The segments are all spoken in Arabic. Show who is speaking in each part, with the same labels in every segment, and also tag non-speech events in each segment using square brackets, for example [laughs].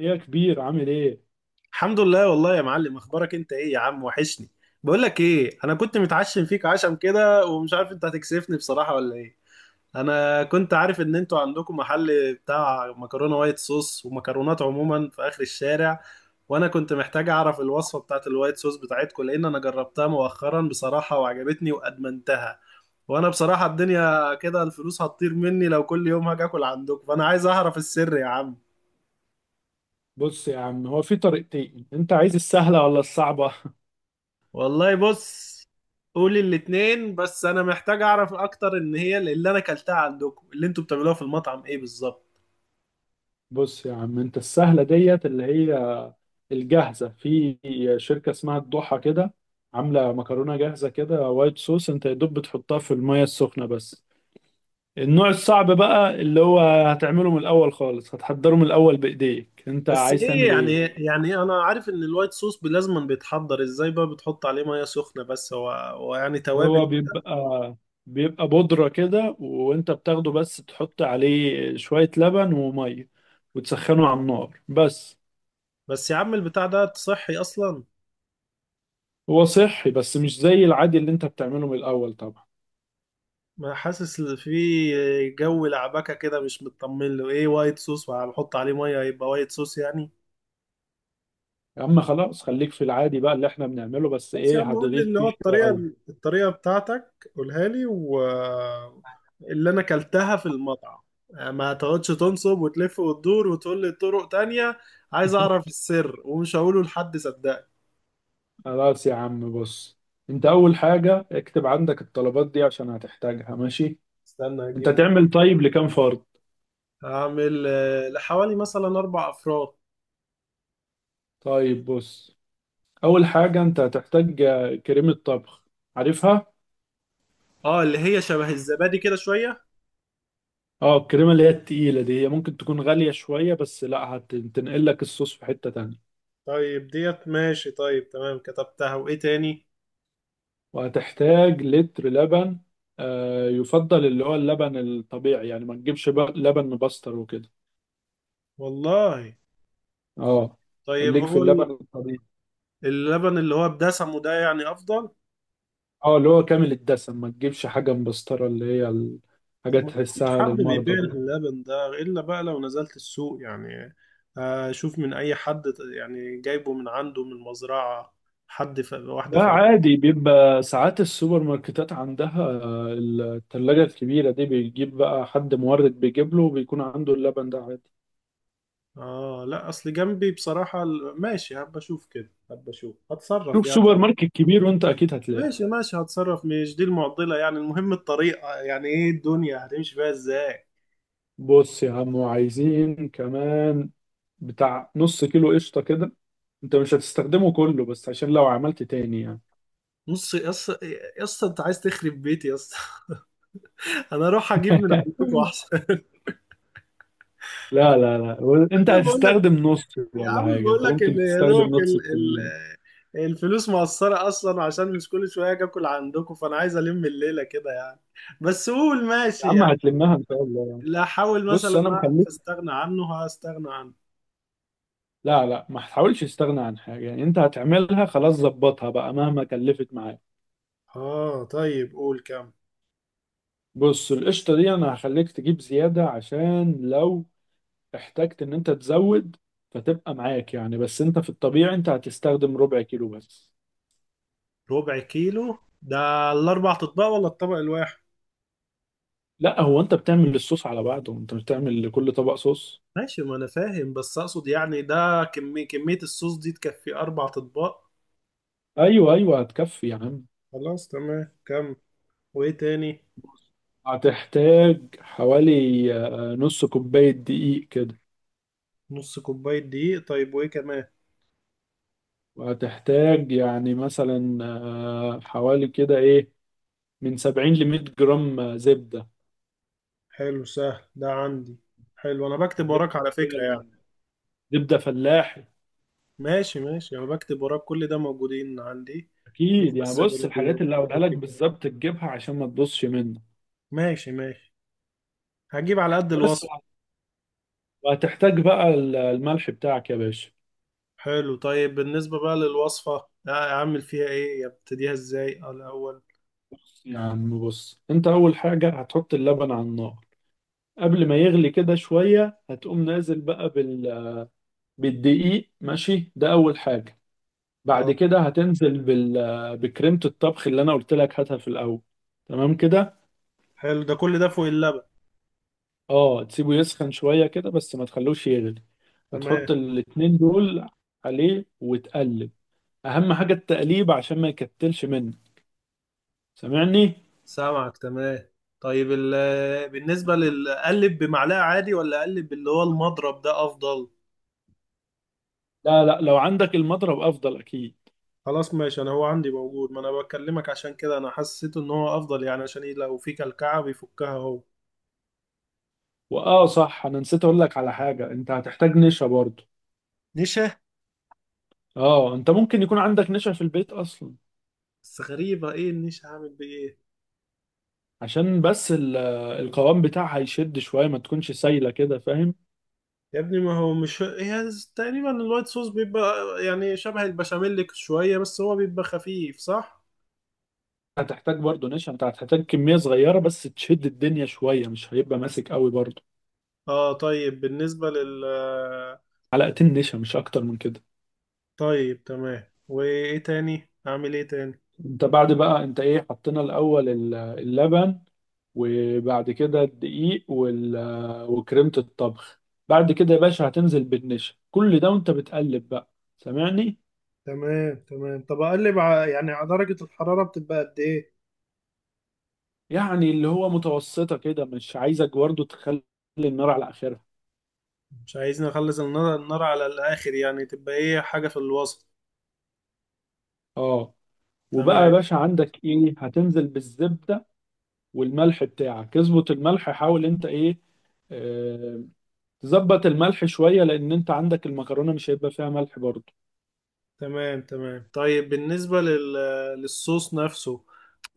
Speaker 1: ايه يا كبير، عامل ايه؟
Speaker 2: الحمد لله، والله يا معلم. اخبارك انت ايه يا عم؟ وحشني. بقول لك ايه، انا كنت متعشم فيك عشم كده، ومش عارف انت هتكسفني بصراحة ولا ايه. انا كنت عارف ان انتوا عندكم محل بتاع مكرونة وايت صوص ومكرونات عموما في اخر الشارع، وانا كنت محتاج اعرف الوصفة بتاعت الوايت صوص بتاعتكم، لان انا جربتها مؤخرا بصراحة وعجبتني وادمنتها. وانا بصراحة الدنيا كده، الفلوس هتطير مني لو كل يوم هاجي اكل عندكم، فانا عايز اعرف السر يا عم.
Speaker 1: بص يا عم، هو في طريقتين، انت عايز السهله ولا الصعبه؟
Speaker 2: والله، بص. قولي الاتنين، بس انا محتاج اعرف اكتر ان هي اللي انا اكلتها عندكم، اللي انتوا بتعملوها في المطعم ايه بالظبط.
Speaker 1: [laughs] بص يا عم، انت السهله ديت اللي هي الجاهزه في شركه اسمها الضحى كده، عامله مكرونه جاهزه كده وايت صوص، انت يا دوب بتحطها في الميه السخنه بس. النوع الصعب بقى اللي هو هتعمله من الاول خالص، هتحضره من الاول بايديك، انت
Speaker 2: بس
Speaker 1: عايز
Speaker 2: ايه
Speaker 1: تعمل
Speaker 2: يعني
Speaker 1: ايه؟
Speaker 2: يعني انا عارف ان الوايت صوص لازما بيتحضر ازاي، بقى بتحط عليه ميه سخنه، بس هو هو يعني توابل؟
Speaker 1: هو بيبقى بودرة كده، وانت بتاخده بس تحط عليه شوية لبن ومية وتسخنه على النار بس.
Speaker 2: بس يا عم البتاع ده صحي اصلا؟
Speaker 1: هو صحي بس مش زي العادي اللي انت بتعمله من الأول طبعا.
Speaker 2: ما حاسس إن في جو لعبكه كده، مش مطمن له. ايه وايت صوص وهحط عليه ميه يبقى وايت صوص يعني؟
Speaker 1: يا عم خلاص، خليك في العادي بقى اللي احنا بنعمله، بس
Speaker 2: بس يا
Speaker 1: ايه
Speaker 2: عم قول لي
Speaker 1: هتغيب
Speaker 2: اللي هو
Speaker 1: فيه
Speaker 2: الطريقة.
Speaker 1: شوية.
Speaker 2: الطريقة بتاعتك قولها لي، اللي انا اكلتها في المطعم. آه، ما تقعدش تنصب وتلف وتدور وتقول لي طرق تانية. عايز اعرف السر، ومش هقوله لحد، صدقني.
Speaker 1: خلاص يا عم بص، انت أول حاجة اكتب عندك الطلبات دي عشان هتحتاجها، ماشي؟
Speaker 2: استنى
Speaker 1: انت
Speaker 2: اجيب ورق.
Speaker 1: تعمل طيب لكام فرد؟
Speaker 2: هعمل لحوالي مثلا اربع افراد.
Speaker 1: طيب بص، أول حاجة انت هتحتاج كريمة طبخ، عارفها؟
Speaker 2: اه، اللي هي شبه الزبادي كده شوية.
Speaker 1: اه الكريمة اللي هي التقيلة دي، هي ممكن تكون غالية شوية بس لا، هتنقل لك الصوص في حتة تانية.
Speaker 2: طيب ديت ماشي. طيب تمام، كتبتها. وايه تاني؟
Speaker 1: وهتحتاج لتر لبن، يفضل اللي هو اللبن الطبيعي، يعني ما تجيبش بقى لبن مبستر وكده.
Speaker 2: والله.
Speaker 1: اه
Speaker 2: طيب
Speaker 1: خليك في
Speaker 2: هو
Speaker 1: اللبن الطبيعي.
Speaker 2: اللبن اللي هو بدسمه ده يعني افضل؟
Speaker 1: اه اللي هو كامل الدسم، ما تجيبش حاجة مبسترة اللي هي حاجة
Speaker 2: طب ما فيش
Speaker 1: تحسها
Speaker 2: حد بيبيع
Speaker 1: للمرضى دول.
Speaker 2: اللبن ده إلا بقى لو نزلت السوق يعني. آه، شوف من أي حد يعني جايبه من عنده من مزرعة. حد واحدة
Speaker 1: لا عادي، بيبقى ساعات السوبر ماركتات عندها التلاجة الكبيرة دي، بيجيب بقى حد مورد بيجيب له وبيكون عنده اللبن ده عادي.
Speaker 2: آه لا، أصل جنبي بصراحة ماشي، هبقى أشوف كده، هبقى أشوف هتصرف
Speaker 1: شوف
Speaker 2: يعني.
Speaker 1: سوبر ماركت كبير وانت اكيد هتلاقي.
Speaker 2: ماشي ماشي، هتصرف، مش دي المعضلة يعني. المهم الطريقة، يعني إيه الدنيا هتمشي فيها إزاي؟
Speaker 1: بص يا عم، وعايزين كمان بتاع نص كيلو قشطة كده، انت مش هتستخدمه كله بس عشان لو عملت تاني يعني.
Speaker 2: نص يا اسطى؟ يا اسطى انت عايز تخرب بيتي يا اسطى؟ [laughs] انا اروح اجيب من عندكم
Speaker 1: [laughs]
Speaker 2: احسن.
Speaker 1: لا لا لا، انت
Speaker 2: [laughs] بقول لك.
Speaker 1: هتستخدم نص،
Speaker 2: يا
Speaker 1: ولا
Speaker 2: عم
Speaker 1: حاجة،
Speaker 2: بقول
Speaker 1: انت
Speaker 2: لك
Speaker 1: ممكن
Speaker 2: يا
Speaker 1: تستخدم
Speaker 2: دوبك
Speaker 1: نص الكمية.
Speaker 2: الفلوس مقصرة أصلا، عشان مش كل شوية أجي آكل عندكم، فأنا عايز ألم الليلة كده يعني. بس قول
Speaker 1: يا
Speaker 2: ماشي
Speaker 1: عم
Speaker 2: يعني.
Speaker 1: هتلمها ان شاء الله.
Speaker 2: لا، أحاول
Speaker 1: بص انا
Speaker 2: مثلا أعرف
Speaker 1: مخليك،
Speaker 2: أستغنى عنه، هستغنى عنه.
Speaker 1: لا لا ما تحاولش تستغنى عن حاجة يعني، انت هتعملها خلاص، ظبطها بقى مهما كلفت معاك.
Speaker 2: آه طيب، قول كام.
Speaker 1: بص القشطة دي، انا هخليك تجيب زيادة عشان لو احتجت ان انت تزود، فتبقى معاك يعني، بس انت في الطبيعي انت هتستخدم ربع كيلو بس.
Speaker 2: ربع كيلو ده الأربع أطباق ولا الطبق الواحد؟
Speaker 1: لا هو انت بتعمل الصوص على بعضه، انت مش بتعمل لكل طبق صوص.
Speaker 2: ماشي، ما أنا فاهم، بس أقصد يعني ده كمية، الصوص دي تكفي أربع أطباق؟
Speaker 1: ايوه ايوه، هتكفي يا عم.
Speaker 2: خلاص تمام. كم وإيه تاني؟
Speaker 1: هتحتاج حوالي نص كوباية دقيق كده.
Speaker 2: نص كوباية دقيق، طيب وإيه كمان؟
Speaker 1: وهتحتاج يعني مثلا حوالي كده ايه من 70 ل 100 جرام زبدة.
Speaker 2: حلو، سهل، ده عندي. حلو، انا بكتب
Speaker 1: الزبدة
Speaker 2: وراك على
Speaker 1: هي
Speaker 2: فكرة يعني.
Speaker 1: زبدة فلاحي.
Speaker 2: ماشي ماشي، انا بكتب وراك، كل ده موجودين عندي. مفيش
Speaker 1: اكيد يعني،
Speaker 2: بس غير
Speaker 1: بص الحاجات اللي هقولها لك بالظبط تجيبها عشان ما تبصش منك.
Speaker 2: ماشي ماشي، هجيب على قد
Speaker 1: بس
Speaker 2: الوصف.
Speaker 1: وهتحتاج بقى الملح بتاعك يا باشا.
Speaker 2: حلو، طيب بالنسبة بقى للوصفة، اعمل فيها ايه؟ ابتديها ازاي الاول؟
Speaker 1: بص يا عم، انت اول حاجة هتحط اللبن على النار، قبل ما يغلي كده شوية هتقوم نازل بقى بالدقيق، ماشي؟ ده اول حاجة. بعد
Speaker 2: اه.
Speaker 1: كده هتنزل بكريمة الطبخ اللي انا قلت لك، هاتها في الاول، تمام كده.
Speaker 2: حلو، ده كل ده فوق اللبن.
Speaker 1: اه تسيبه يسخن شوية كده، بس ما تخلوش يغلي.
Speaker 2: تمام.
Speaker 1: هتحط الاتنين دول عليه وتقلب، اهم حاجة التقليب عشان ما يكتلش منك، سامعني؟
Speaker 2: سامعك، تمام. طيب بالنسبة للقلب بمعلقة عادي، ولا اقلب اللي هو المضرب ده افضل؟
Speaker 1: لا لا، لو عندك المضرب افضل اكيد.
Speaker 2: خلاص ماشي، انا هو عندي موجود، ما انا بكلمك عشان كده. انا حسيت ان هو افضل يعني، عشان ايه، لو في كلكعه بيفكها هو.
Speaker 1: واه صح انا نسيت اقول لك على حاجه، انت هتحتاج نشا برضو.
Speaker 2: نشا؟
Speaker 1: اه انت ممكن يكون عندك نشا في البيت اصلا.
Speaker 2: بس غريبه، ايه النيش هعمل بايه؟
Speaker 1: عشان بس القوام بتاعها يشد شويه، ما تكونش سايله كده، فاهم؟
Speaker 2: يا ابني ما هو مش هي تقريبا، الوايت صوص بيبقى يعني شبه البشاميل شويه، بس هو بيبقى خفيف صح؟
Speaker 1: هتحتاج برضو نشا، انت هتحتاج كميه صغيره بس تشد الدنيا شويه، مش هيبقى ماسك قوي برضو.
Speaker 2: اه، طيب بالنسبه
Speaker 1: علقتين نشا مش اكتر من كده.
Speaker 2: طيب تمام، وايه تاني؟ اعمل ايه تاني؟
Speaker 1: انت بعد بقى، انت ايه حطينا الاول؟ اللبن، وبعد كده الدقيق وال- وكريمه الطبخ. بعد كده يا باشا هتنزل بالنشا، كل ده وانت بتقلب بقى، سامعني؟
Speaker 2: تمام تمام. طب اقلب يعني على درجه الحراره بتبقى قد ايه؟
Speaker 1: يعني اللي هو متوسطة كده، مش عايزك برضه تخلي النار على آخرها.
Speaker 2: مش عايزين نخلص النار، النار على الآخر يعني، تبقى إيه، حاجة في الوسط.
Speaker 1: اه، وبقى يا
Speaker 2: تمام.
Speaker 1: باشا عندك ايه، هتنزل بالزبدة والملح بتاعك، اظبط الملح، حاول انت ايه آه، تظبط الملح شوية، لأن انت عندك المكرونة مش هيبقى فيها ملح برضه.
Speaker 2: تمام. تمام. طيب بالنسبة للصوص نفسه،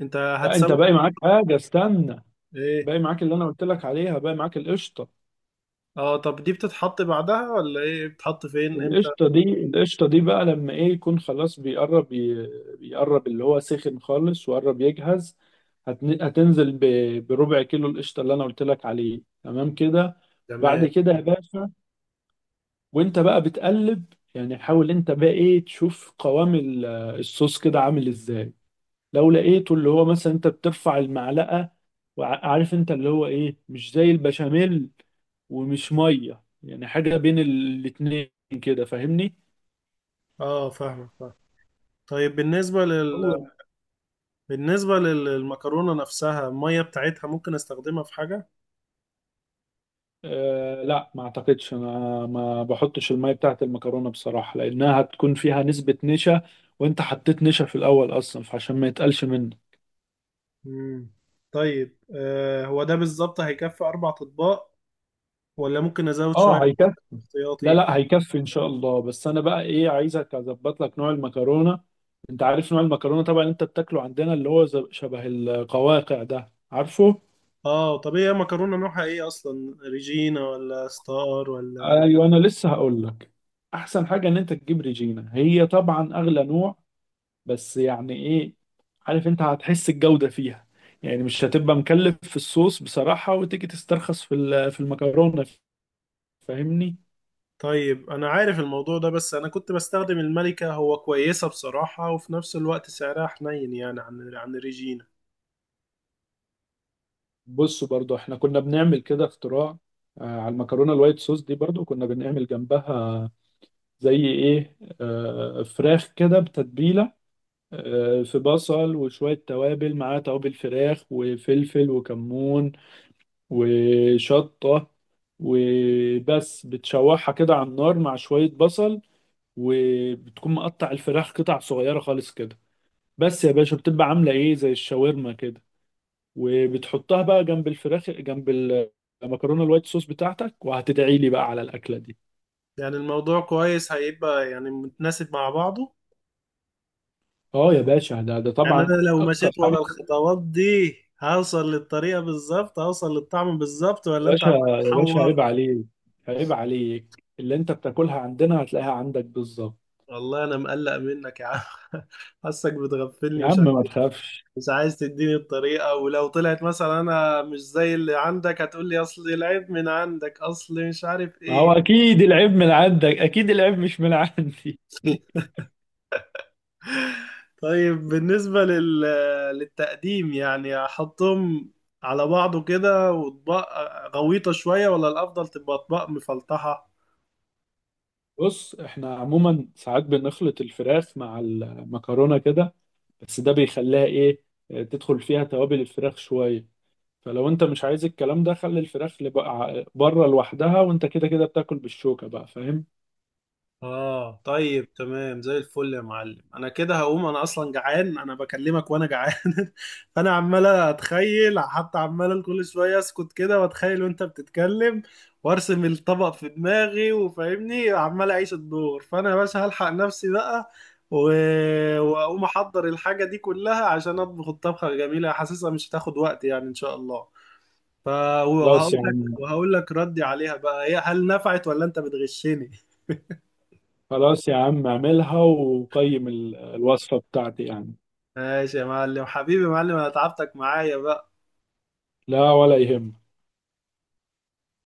Speaker 2: أنت
Speaker 1: لا انت
Speaker 2: هتسوي
Speaker 1: باقي معاك حاجة، استنى.
Speaker 2: إيه؟
Speaker 1: باقي معاك اللي انا قلت لك عليها، باقي معاك القشطة.
Speaker 2: أه، طب دي بتتحط بعدها ولا إيه؟ بتتحط فين إمتى؟
Speaker 1: القشطة دي القشطة دي بقى لما ايه يكون خلاص بيقرب، بيقرب اللي هو سخن خالص وقرب يجهز. هتنزل بربع كيلو القشطة اللي انا قلت لك عليه، تمام كده. بعد
Speaker 2: تمام.
Speaker 1: كده يا باشا، وانت بقى بتقلب، يعني حاول انت بقى ايه تشوف قوام الصوص كده عامل ازاي. لو لقيته اللي هو مثلا انت بترفع المعلقة، وعارف انت اللي هو ايه، مش زي البشاميل ومش مية، يعني حاجة بين الاتنين كده، فاهمني؟
Speaker 2: أه، فاهمك، فاهم. طيب بالنسبة بالنسبة للمكرونة نفسها، المية بتاعتها ممكن أستخدمها في حاجة؟
Speaker 1: أه لا، ما اعتقدش انا، ما بحطش المية بتاعت المكرونة بصراحة لانها هتكون فيها نسبة نشا، وانت حطيت نشا في الاول اصلا فعشان ما يتقلش منه.
Speaker 2: مم. طيب، هو ده بالظبط هيكفي أربع أطباق؟ ولا ممكن أزود شوية
Speaker 1: اه هيكفي. لا
Speaker 2: احتياطي؟
Speaker 1: لا هيكفي ان شاء الله، بس انا بقى ايه عايزك اظبط لك نوع المكرونة. انت عارف نوع المكرونة طبعا اللي انت بتاكله عندنا، اللي هو شبه القواقع ده، عارفه؟
Speaker 2: اه طب، ايه مكرونه نوعها ايه اصلا، ريجينا ولا ستار ولا؟
Speaker 1: ايوه انا لسه هقول لك، احسن حاجة ان انت تجيب ريجينا، هي طبعا اغلى نوع بس يعني ايه، عارف انت هتحس الجودة فيها، يعني مش هتبقى مكلف في الصوص بصراحة وتيجي تسترخص في في المكرونة، فاهمني؟
Speaker 2: طيب انا عارف الموضوع ده، بس انا كنت بستخدم الملكه. هو كويسه بصراحه، وفي نفس الوقت سعرها حنين يعني عن ريجينا.
Speaker 1: بصوا برضو احنا كنا بنعمل كده اختراع، على المكرونة الوايت صوص دي برضو كنا بنعمل جنبها زي ايه، فراخ كده بتتبيلة، في بصل وشوية توابل معاه، توابل فراخ وفلفل وكمون وشطة، وبس بتشوحها كده على النار مع شوية بصل، وبتكون مقطع الفراخ قطع صغيرة خالص كده، بس يا باشا بتبقى عاملة ايه زي الشاورما كده، وبتحطها بقى جنب الفراخ، جنب المكرونة الوايت صوص بتاعتك، وهتدعي لي بقى على الأكلة دي.
Speaker 2: يعني الموضوع كويس، هيبقى يعني متناسب مع بعضه؟
Speaker 1: اه يا باشا، ده
Speaker 2: يعني
Speaker 1: طبعا
Speaker 2: انا لو
Speaker 1: أكتر
Speaker 2: مشيت
Speaker 1: حاجة.
Speaker 2: ورا الخطوات دي، هوصل للطريقه بالظبط، هوصل للطعم بالظبط،
Speaker 1: يا
Speaker 2: ولا انت
Speaker 1: باشا
Speaker 2: عمال
Speaker 1: يا باشا، عيب
Speaker 2: تحور؟
Speaker 1: عليك، عيب عليك. اللي انت بتاكلها عندنا هتلاقيها عندك بالظبط.
Speaker 2: والله انا مقلق منك يا عم. [laughs] حاسك بتغفلني،
Speaker 1: يا
Speaker 2: مش
Speaker 1: عم
Speaker 2: عارف.
Speaker 1: ما تخافش.
Speaker 2: مش عايز تديني الطريقة، ولو طلعت مثلا انا مش زي اللي عندك، هتقول لي اصل العيب من عندك، اصل مش عارف
Speaker 1: ما هو
Speaker 2: ايه.
Speaker 1: اكيد العيب من عندك، اكيد العيب مش من عندي.
Speaker 2: [laughs] طيب بالنسبة للتقديم، يعني احطهم على بعضه كده، واطباق غويطة شوية ولا الافضل تبقى اطباق مفلطحة؟
Speaker 1: بص احنا عموما ساعات بنخلط الفراخ مع المكرونة كده، بس ده بيخليها ايه تدخل فيها توابل الفراخ شوية، فلو انت مش عايز الكلام ده خلي الفراخ اللي بقى بره لوحدها، وانت كده كده بتاكل بالشوكة بقى، فاهم؟
Speaker 2: اه طيب، تمام زي الفل يا معلم. انا كده هقوم، انا اصلا جعان، انا بكلمك وانا جعان. [laughs] فانا عمال اتخيل، حتى عمال كل شويه اسكت كده واتخيل وانت بتتكلم، وارسم الطبق في دماغي وفاهمني، عمال اعيش الدور. فانا يا باشا هلحق نفسي بقى و... واقوم احضر الحاجه دي كلها عشان اطبخ الطبخه الجميله. حاسسها مش هتاخد وقت يعني ان شاء الله. ف
Speaker 1: خلاص
Speaker 2: وهقول
Speaker 1: يا
Speaker 2: لك
Speaker 1: عم
Speaker 2: وهقول لك ردي عليها بقى، هي هل نفعت، ولا انت بتغشني؟
Speaker 1: خلاص يا عم، اعملها وقيم الوصفة بتاعتي يعني.
Speaker 2: ماشي يا معلم، حبيبي يا معلم، انا تعبتك معايا بقى.
Speaker 1: لا ولا يهم.